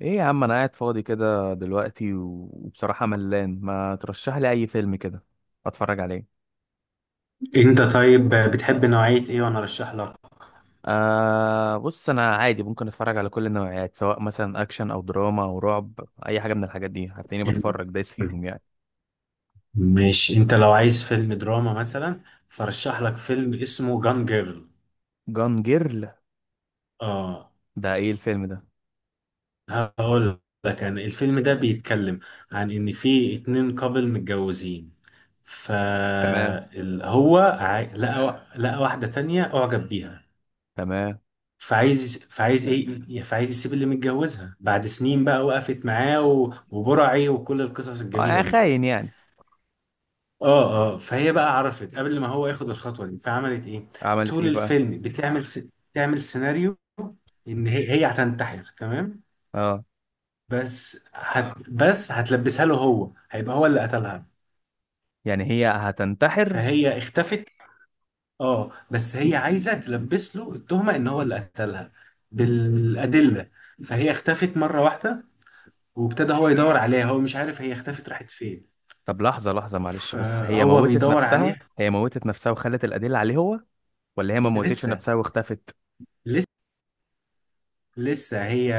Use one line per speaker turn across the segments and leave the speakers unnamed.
ايه يا عم، انا قاعد فاضي كده دلوقتي و- وبصراحة ملان. ما ترشح لي اي فيلم كده اتفرج عليه.
انت طيب بتحب نوعية ايه وانا ارشح لك.
بص، انا عادي ممكن اتفرج على كل النوعيات، سواء مثلا اكشن او دراما او رعب. اي حاجة من الحاجات دي هتلاقيني
يعني-
بتفرج دايس فيهم يعني.
ماشي، انت لو عايز فيلم دراما مثلا فرشح لك فيلم اسمه جان جيرل.
جان جيرل؟
اه،
ده ايه الفيلم ده؟
هقول لك انا الفيلم ده بيتكلم عن ان في اتنين كابل متجوزين،
تمام،
فهو لقى واحدة تانية اعجب بيها.
تمام.
فعايز يسيب اللي متجوزها بعد سنين بقى وقفت معاه وبرعي وكل القصص الجميلة
اه،
دي.
خاين يعني.
اه فهي بقى عرفت قبل ما هو ياخد الخطوه دي، فعملت ايه؟
عملت
طول
ايه بقى؟
الفيلم تعمل سيناريو ان هي هتنتحر تمام،
اه،
بس هتلبسها له، هو هيبقى هو اللي قتلها.
يعني هي هتنتحر.
فهي اختفت. اه، بس هي عايزه تلبس له التهمه ان هو اللي قتلها بالادله. فهي اختفت مره واحده، وابتدى هو يدور عليها، هو مش عارف هي اختفت راحت فين.
طب لحظة لحظة، معلش، بس هي
فهو
موتت
بيدور عليها.
نفسها؟ هي موتت نفسها وخلت الأدلة عليه هو، ولا هي ما موتتش
لسه
نفسها واختفت؟
لسه لسه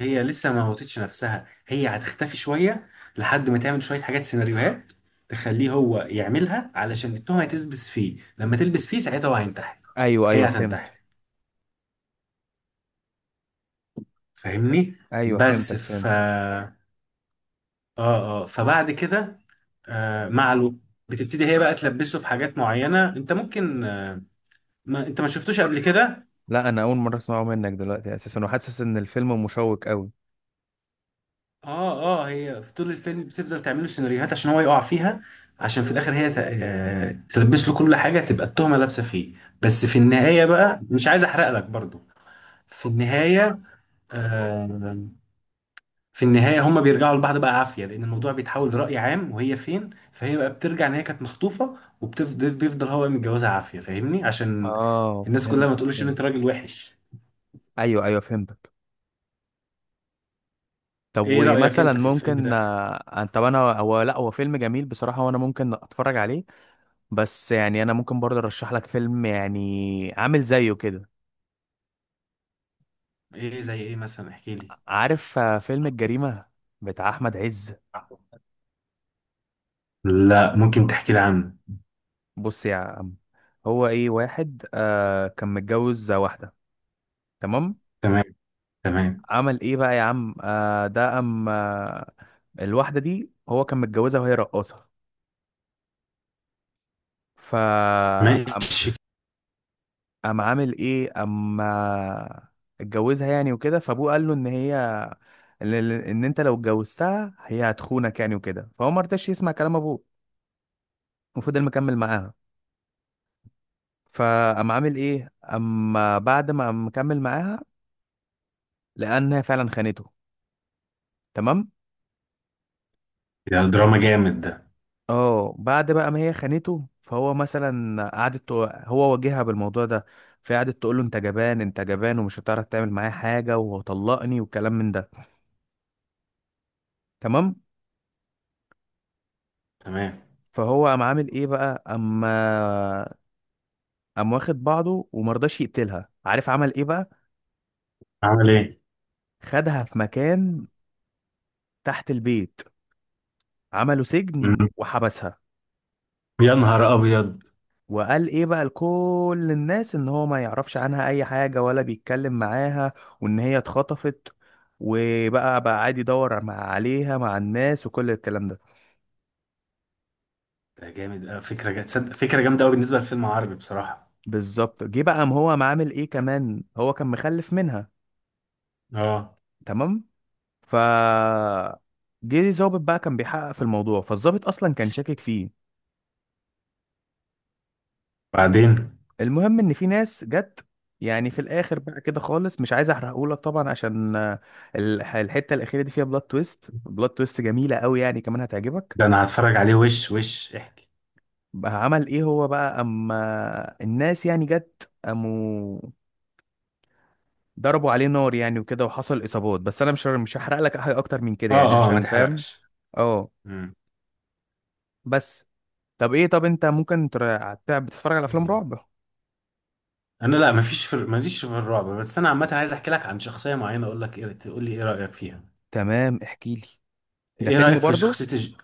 هي لسه ما موتتش نفسها، هي هتختفي شوية لحد ما تعمل شوية حاجات سيناريوهات تخليه هو يعملها، علشان التهمة تلبس فيه. لما تلبس فيه ساعتها هو هينتحر،
ايوه ايوه
هي هتنتحر.
فهمت.
فاهمني؟
ايوه
بس
فهمتك
ف
فهمت.
اه فبعد كده مع الوقت بتبتدي هي بقى تلبسه في حاجات معينة. انت ممكن ما انت ما شفتوش قبل كده؟
لا انا اول مره اسمعه منك دلوقتي اساسا، وحاسس ان الفيلم مشوق قوي.
اه هي في طول الفيلم بتفضل تعمل له سيناريوهات عشان هو يقع فيها، عشان في الاخر هي تلبس له كل حاجه، تبقى التهمه لابسه فيه. بس في النهايه بقى مش عايز احرق لك برضو. في النهايه، آه في النهايه، هما بيرجعوا لبعض بقى عافيه، لان الموضوع بيتحول لراي عام وهي فين. فهي بقى بترجع ان هي كانت مخطوفه، وبتفضل بيفضل هو متجوزها عافيه. فاهمني؟ عشان
اه
الناس كلها ما
فهمتك
تقولش ان
فهمت.
انت راجل وحش.
ايوه ايوه فهمتك. طب
ايه رايك
ومثلا
انت في الفيلم
ممكن
ده؟
طب انا، هو لا هو فيلم جميل بصراحه وانا ممكن اتفرج عليه. بس يعني انا ممكن برضه ارشح لك فيلم يعني عامل زيه كده.
ايه زي ايه مثلا؟ احكي لي.
عارف فيلم الجريمه بتاع احمد عز؟
لا، ممكن تحكي لي عنه.
بص يا عم، هو ايه، واحد كان متجوز واحده، تمام؟
تمام. تمام.
عمل ايه بقى يا عم، آه ده ام آه الواحده دي هو كان متجوزها وهي رقاصه. ف ام
ماشي.
أم عامل ايه اما اتجوزها يعني وكده، فابوه قال له ان هي، ان إن انت لو اتجوزتها هي هتخونك يعني وكده، فهو ما رضاش يسمع كلام ابوه وفضل مكمل معاها. فقام عامل ايه اما بعد ما قام مكمل معاها، لانها فعلا خانته، تمام؟
ده دراما جامد ده.
اه بعد بقى ما هي خانته، فهو مثلا هو واجهها بالموضوع ده، فقعدت تقول له انت جبان انت جبان ومش هتعرف تعمل معايا حاجه وطلقني والكلام من ده، تمام؟
تمام.
فهو قام عامل ايه بقى اما قام واخد بعضه، ومرضاش يقتلها. عارف عمل ايه بقى؟
عمل ايه؟
خدها في مكان تحت البيت، عملوا سجن
مم.
وحبسها.
يا نهار ابيض.
وقال ايه بقى لكل الناس ان هو ما يعرفش عنها اي حاجة ولا بيتكلم معاها، وان هي اتخطفت. وبقى بقى عادي يدور مع عليها مع الناس وكل الكلام ده.
ده جامد أوي. تصدق فكره جامده قوي بالنسبه لفيلم عربي بصراحه.
بالظبط. جه بقى قام هو قام عامل ايه كمان، هو كان مخلف منها
اه.
تمام. ف جه ظابط بقى كان بيحقق في الموضوع، فالظابط اصلا كان شاكك فيه.
بعدين.
المهم ان في ناس جت، يعني في الاخر بقى كده خالص مش عايز احرقهولك طبعا عشان الحته الاخيره دي فيها بلوت تويست، بلوت تويست جميله قوي يعني كمان هتعجبك.
ده انا هتفرج عليه. وش احكي.
بقى عمل ايه هو بقى اما الناس يعني جت قاموا ضربوا عليه نار يعني وكده، وحصل اصابات. بس انا مش هحرق لك حاجه اكتر من كده يعني،
اه ما
عشان فاهم.
تحرقش.
اه
مم.
بس. طب ايه، طب انت ممكن بتتفرج على افلام
جامد.
رعب؟
انا لا، مفيش، في ماليش في الرعب، بس انا عامه عايز احكي لك عن شخصيه معينه، اقول لك ايه تقول لي ايه رايك فيها.
تمام احكي لي، ده
ايه
فيلم
رايك في
برضو؟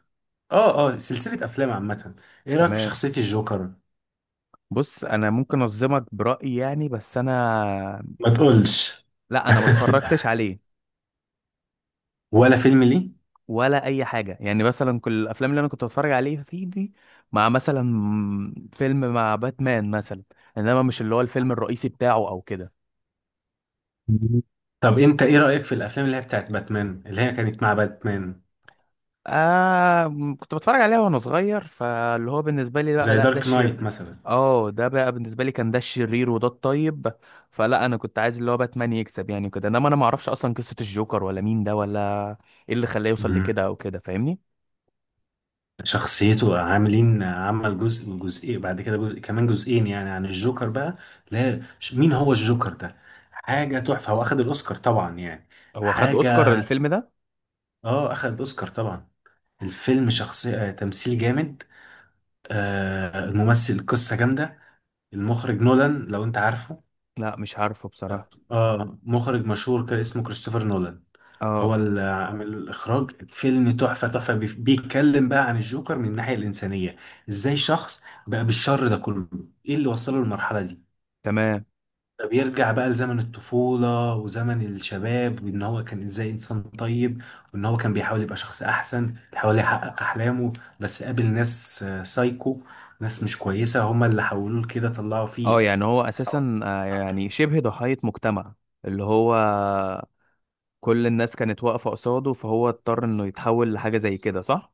اه سلسله افلام عامه. ايه رايك في
تمام.
شخصيه الجوكر؟
بص انا ممكن انظمك برايي يعني، بس انا،
ما تقولش.
لا انا ما اتفرجتش عليه
ولا فيلم ليه.
ولا اي حاجه يعني. مثلا كل الافلام اللي انا كنت بتفرج عليها فيه دي مع مثلا فيلم مع باتمان مثلا، انما مش اللي هو الفيلم الرئيسي بتاعه او كده.
مم. طب انت ايه رأيك في الافلام اللي هي بتاعت باتمان، اللي هي كانت مع باتمان،
كنت بتفرج عليها وانا صغير، فاللي هو بالنسبه لي لا
زي
لا ده
دارك نايت
الشر.
مثلا؟
اه ده بقى بالنسبه لي كان ده الشرير وده الطيب، فلا انا كنت عايز اللي هو باتمان يكسب يعني كده. انما انا ما اعرفش اصلا قصه الجوكر ولا مين ده ولا ايه اللي خلاه يوصل
مم.
لكده او كده، فاهمني؟
شخصيته عاملين عمل جزء وجزئين، بعد كده جزء كمان جزئين، يعني عن الجوكر بقى. لا ش- مين هو الجوكر ده؟ حاجة تحفة، هو اخد الاوسكار طبعا يعني.
هو خد اوسكار
حاجة،
الفيلم ده؟
اه اخد الاوسكار طبعا. الفيلم شخصية تمثيل جامد، آه الممثل قصة جامدة. المخرج نولان، لو انت عارفه.
لا مش عارفه بصراحة.
اه مخرج مشهور، كان اسمه كريستوفر نولان. هو
اه
اللي عامل الاخراج. فيلم تحفه تحفه، بيتكلم بقى عن الجوكر من الناحيه الانسانيه، ازاي شخص بقى بالشر ده كله، ايه اللي وصله للمرحله دي.
تمام.
فبيرجع بقى لزمن الطفوله وزمن الشباب، وان هو كان ازاي انسان طيب، وان هو كان بيحاول يبقى شخص احسن، بيحاول يحقق احلامه. بس قابل ناس سايكو، ناس مش كويسه، هما اللي حولوه لكده، طلعوا فيه.
اه يعني هو اساسا يعني شبه ضحية مجتمع، اللي هو كل الناس كانت واقفة قصاده فهو اضطر انه يتحول لحاجة زي كده، صح؟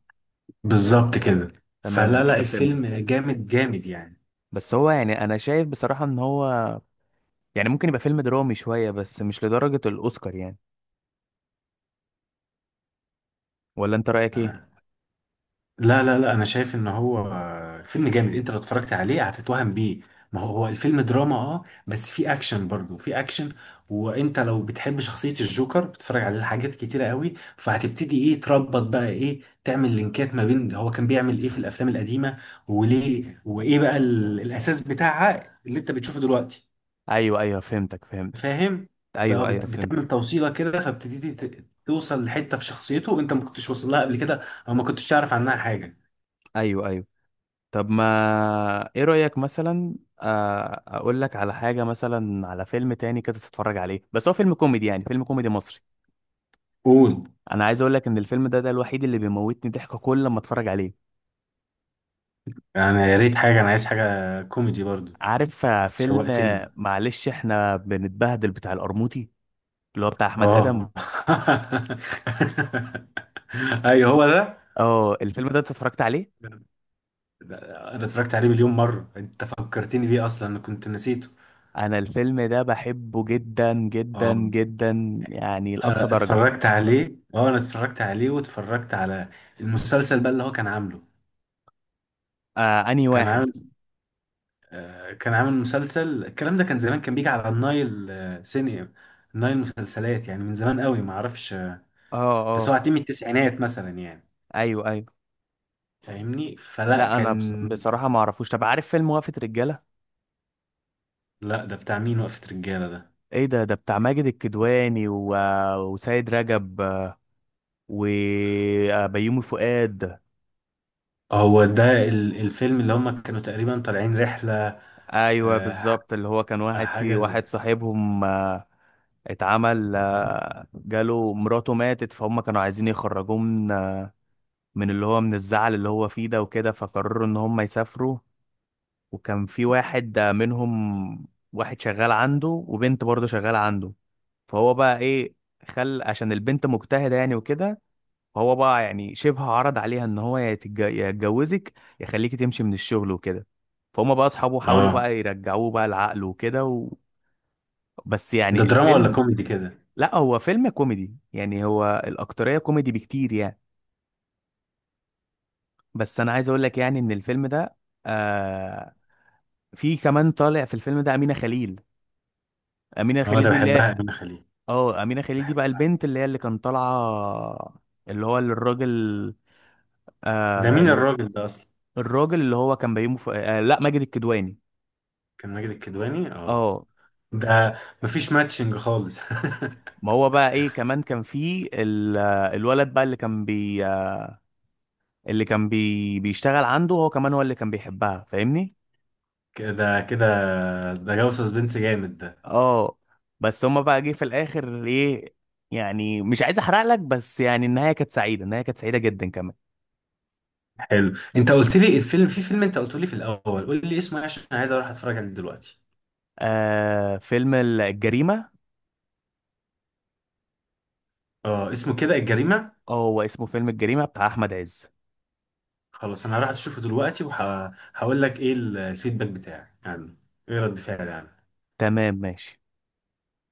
بالظبط كده.
تمام انا
فلا لا
كده
الفيلم
فهمتك،
جامد جامد يعني.
بس هو يعني انا شايف بصراحة ان هو يعني ممكن يبقى فيلم درامي شوية بس مش لدرجة الاوسكار يعني. ولا انت رأيك ايه؟
آه، لا انا شايف ان هو فيلم جامد، انت لو اتفرجت عليه هتتوهم بيه. ما هو هو الفيلم دراما، اه بس في اكشن، برضه في اكشن. وانت لو بتحب شخصية الجوكر بتتفرج عليه حاجات كتيرة قوي، فهتبتدي ايه تربط، بقى ايه تعمل لينكات ما بين هو كان بيعمل ايه في الافلام القديمة، وليه وايه بقى الاساس بتاعها اللي انت بتشوفه دلوقتي.
ايوه ايوه فهمتك فهمتك.
فاهم. بقى
ايوه ايوه
بتعمل
فهمتك.
توصيله كده، فابتديتي توصل لحته في شخصيته انت ما كنتش واصل لها قبل كده، او ما كنتش تعرف عنها حاجه.
ايوه ايوه. طب ما ايه رأيك مثلا، اقول لك على حاجة مثلا، على فيلم تاني كده تتفرج عليه بس هو فيلم كوميدي يعني، فيلم كوميدي مصري.
قول.
انا عايز اقول لك ان الفيلم ده، ده الوحيد اللي بيموتني ضحك كل ما اتفرج عليه.
يعني يا ريت حاجه، انا عايز حاجه كوميدي برضو.
عارف فيلم
شوقتني.
معلش، احنا بنتبهدل بتاع القرموطي، اللي هو بتاع احمد ادم؟
اه. ايوه هو ده.
اه الفيلم ده انت اتفرجت عليه؟
ده- انا اتفرجت عليه 1000000 مره، انت فكرتني بيه اصلا انا كنت نسيته.
انا الفيلم ده بحبه جدا جدا
اه.
جدا يعني لأقصى
أنا
درجة.
اتفرجت عليه، اه انا اتفرجت عليه واتفرجت على المسلسل بقى اللي هو كان عامله.
آه انهي
كان
واحد؟
عامل، كان عامل مسلسل الكلام ده، كان زمان كان بيجي على النايل، سينما النايل مسلسلات، يعني من زمان قوي، ما اعرفش
اه
بس
اه.
هو هتلاقيه من التسعينات مثلا يعني.
ايوه ايوه.
فاهمني؟ فلا
لا انا
كان.
بصراحه ما اعرفوش. طب عارف فيلم وقفه رجاله؟
لا، ده بتاع مين وقفة رجالة ده؟
ايه ده، ده بتاع ماجد الكدواني و... وسيد رجب وبيومي فؤاد.
هو ده الفيلم اللي هم كانوا تقريبا طالعين رحلة.
ايوه
آه،
بالظبط، اللي هو كان واحد في
حاجة زي،
واحد صاحبهم اتعمل، جاله مراته ماتت، فهم كانوا عايزين يخرجوه من، من اللي هو من الزعل اللي هو فيه ده وكده، فقرروا ان هم يسافروا. وكان في واحد منهم واحد شغال عنده، وبنت برضه شغالة عنده، فهو بقى ايه، خل عشان البنت مجتهده يعني وكده، فهو بقى يعني شبه عرض عليها ان هو، يا يتجوزك يا يخليكي تمشي من الشغل وكده. فهم بقى اصحابه حاولوا
اه.
بقى يرجعوه بقى العقل وكده و... بس
ده
يعني
دراما ولا
الفيلم،
كوميدي كده؟
لا هو فيلم كوميدي يعني، هو الاكتريه كوميدي بكتير يعني. بس انا عايز اقول لك يعني ان الفيلم ده، آه في كمان طالع في الفيلم ده امينه خليل. امينه
اه
خليل
ده
دي اللي
بحبها
هي،
أمينة خليل،
اه امينه خليل دي بقى
بحبها.
البنت اللي هي اللي كان طالعه اللي هو الراجل،
ده
آه
مين
ال-
الراجل ده أصلا؟
الراجل اللي هو كان بيومه في... آه لا ماجد الكدواني.
كان ماجد الكدواني، اه.
اه.
ده مفيش ماتشنج خالص.
ما هو بقى ايه كمان كان في الولد بقى اللي كان بيشتغل عنده هو كمان، هو اللي كان بيحبها، فاهمني؟
كده كده. ده جو سسبنس جامد ده.
اه بس هما بقى جه في الاخر ايه، يعني مش عايز احرق لك، بس يعني النهايه كانت سعيده، النهايه كانت سعيده جدا كمان.
حلو، انت قلت لي الفيلم، في فيلم انت قلت لي في الاول، قول لي اسمه ايه عشان انا عايز اروح اتفرج عليه دلوقتي.
آه فيلم الجريمه.
اه اسمه كده الجريمة.
اه هو اسمه فيلم الجريمه بتاع احمد عز.
خلاص انا هروح اشوفه دلوقتي، وهقول لك ايه الفيدباك بتاعي يعني، ايه رد فعلي يعني.
تمام ماشي.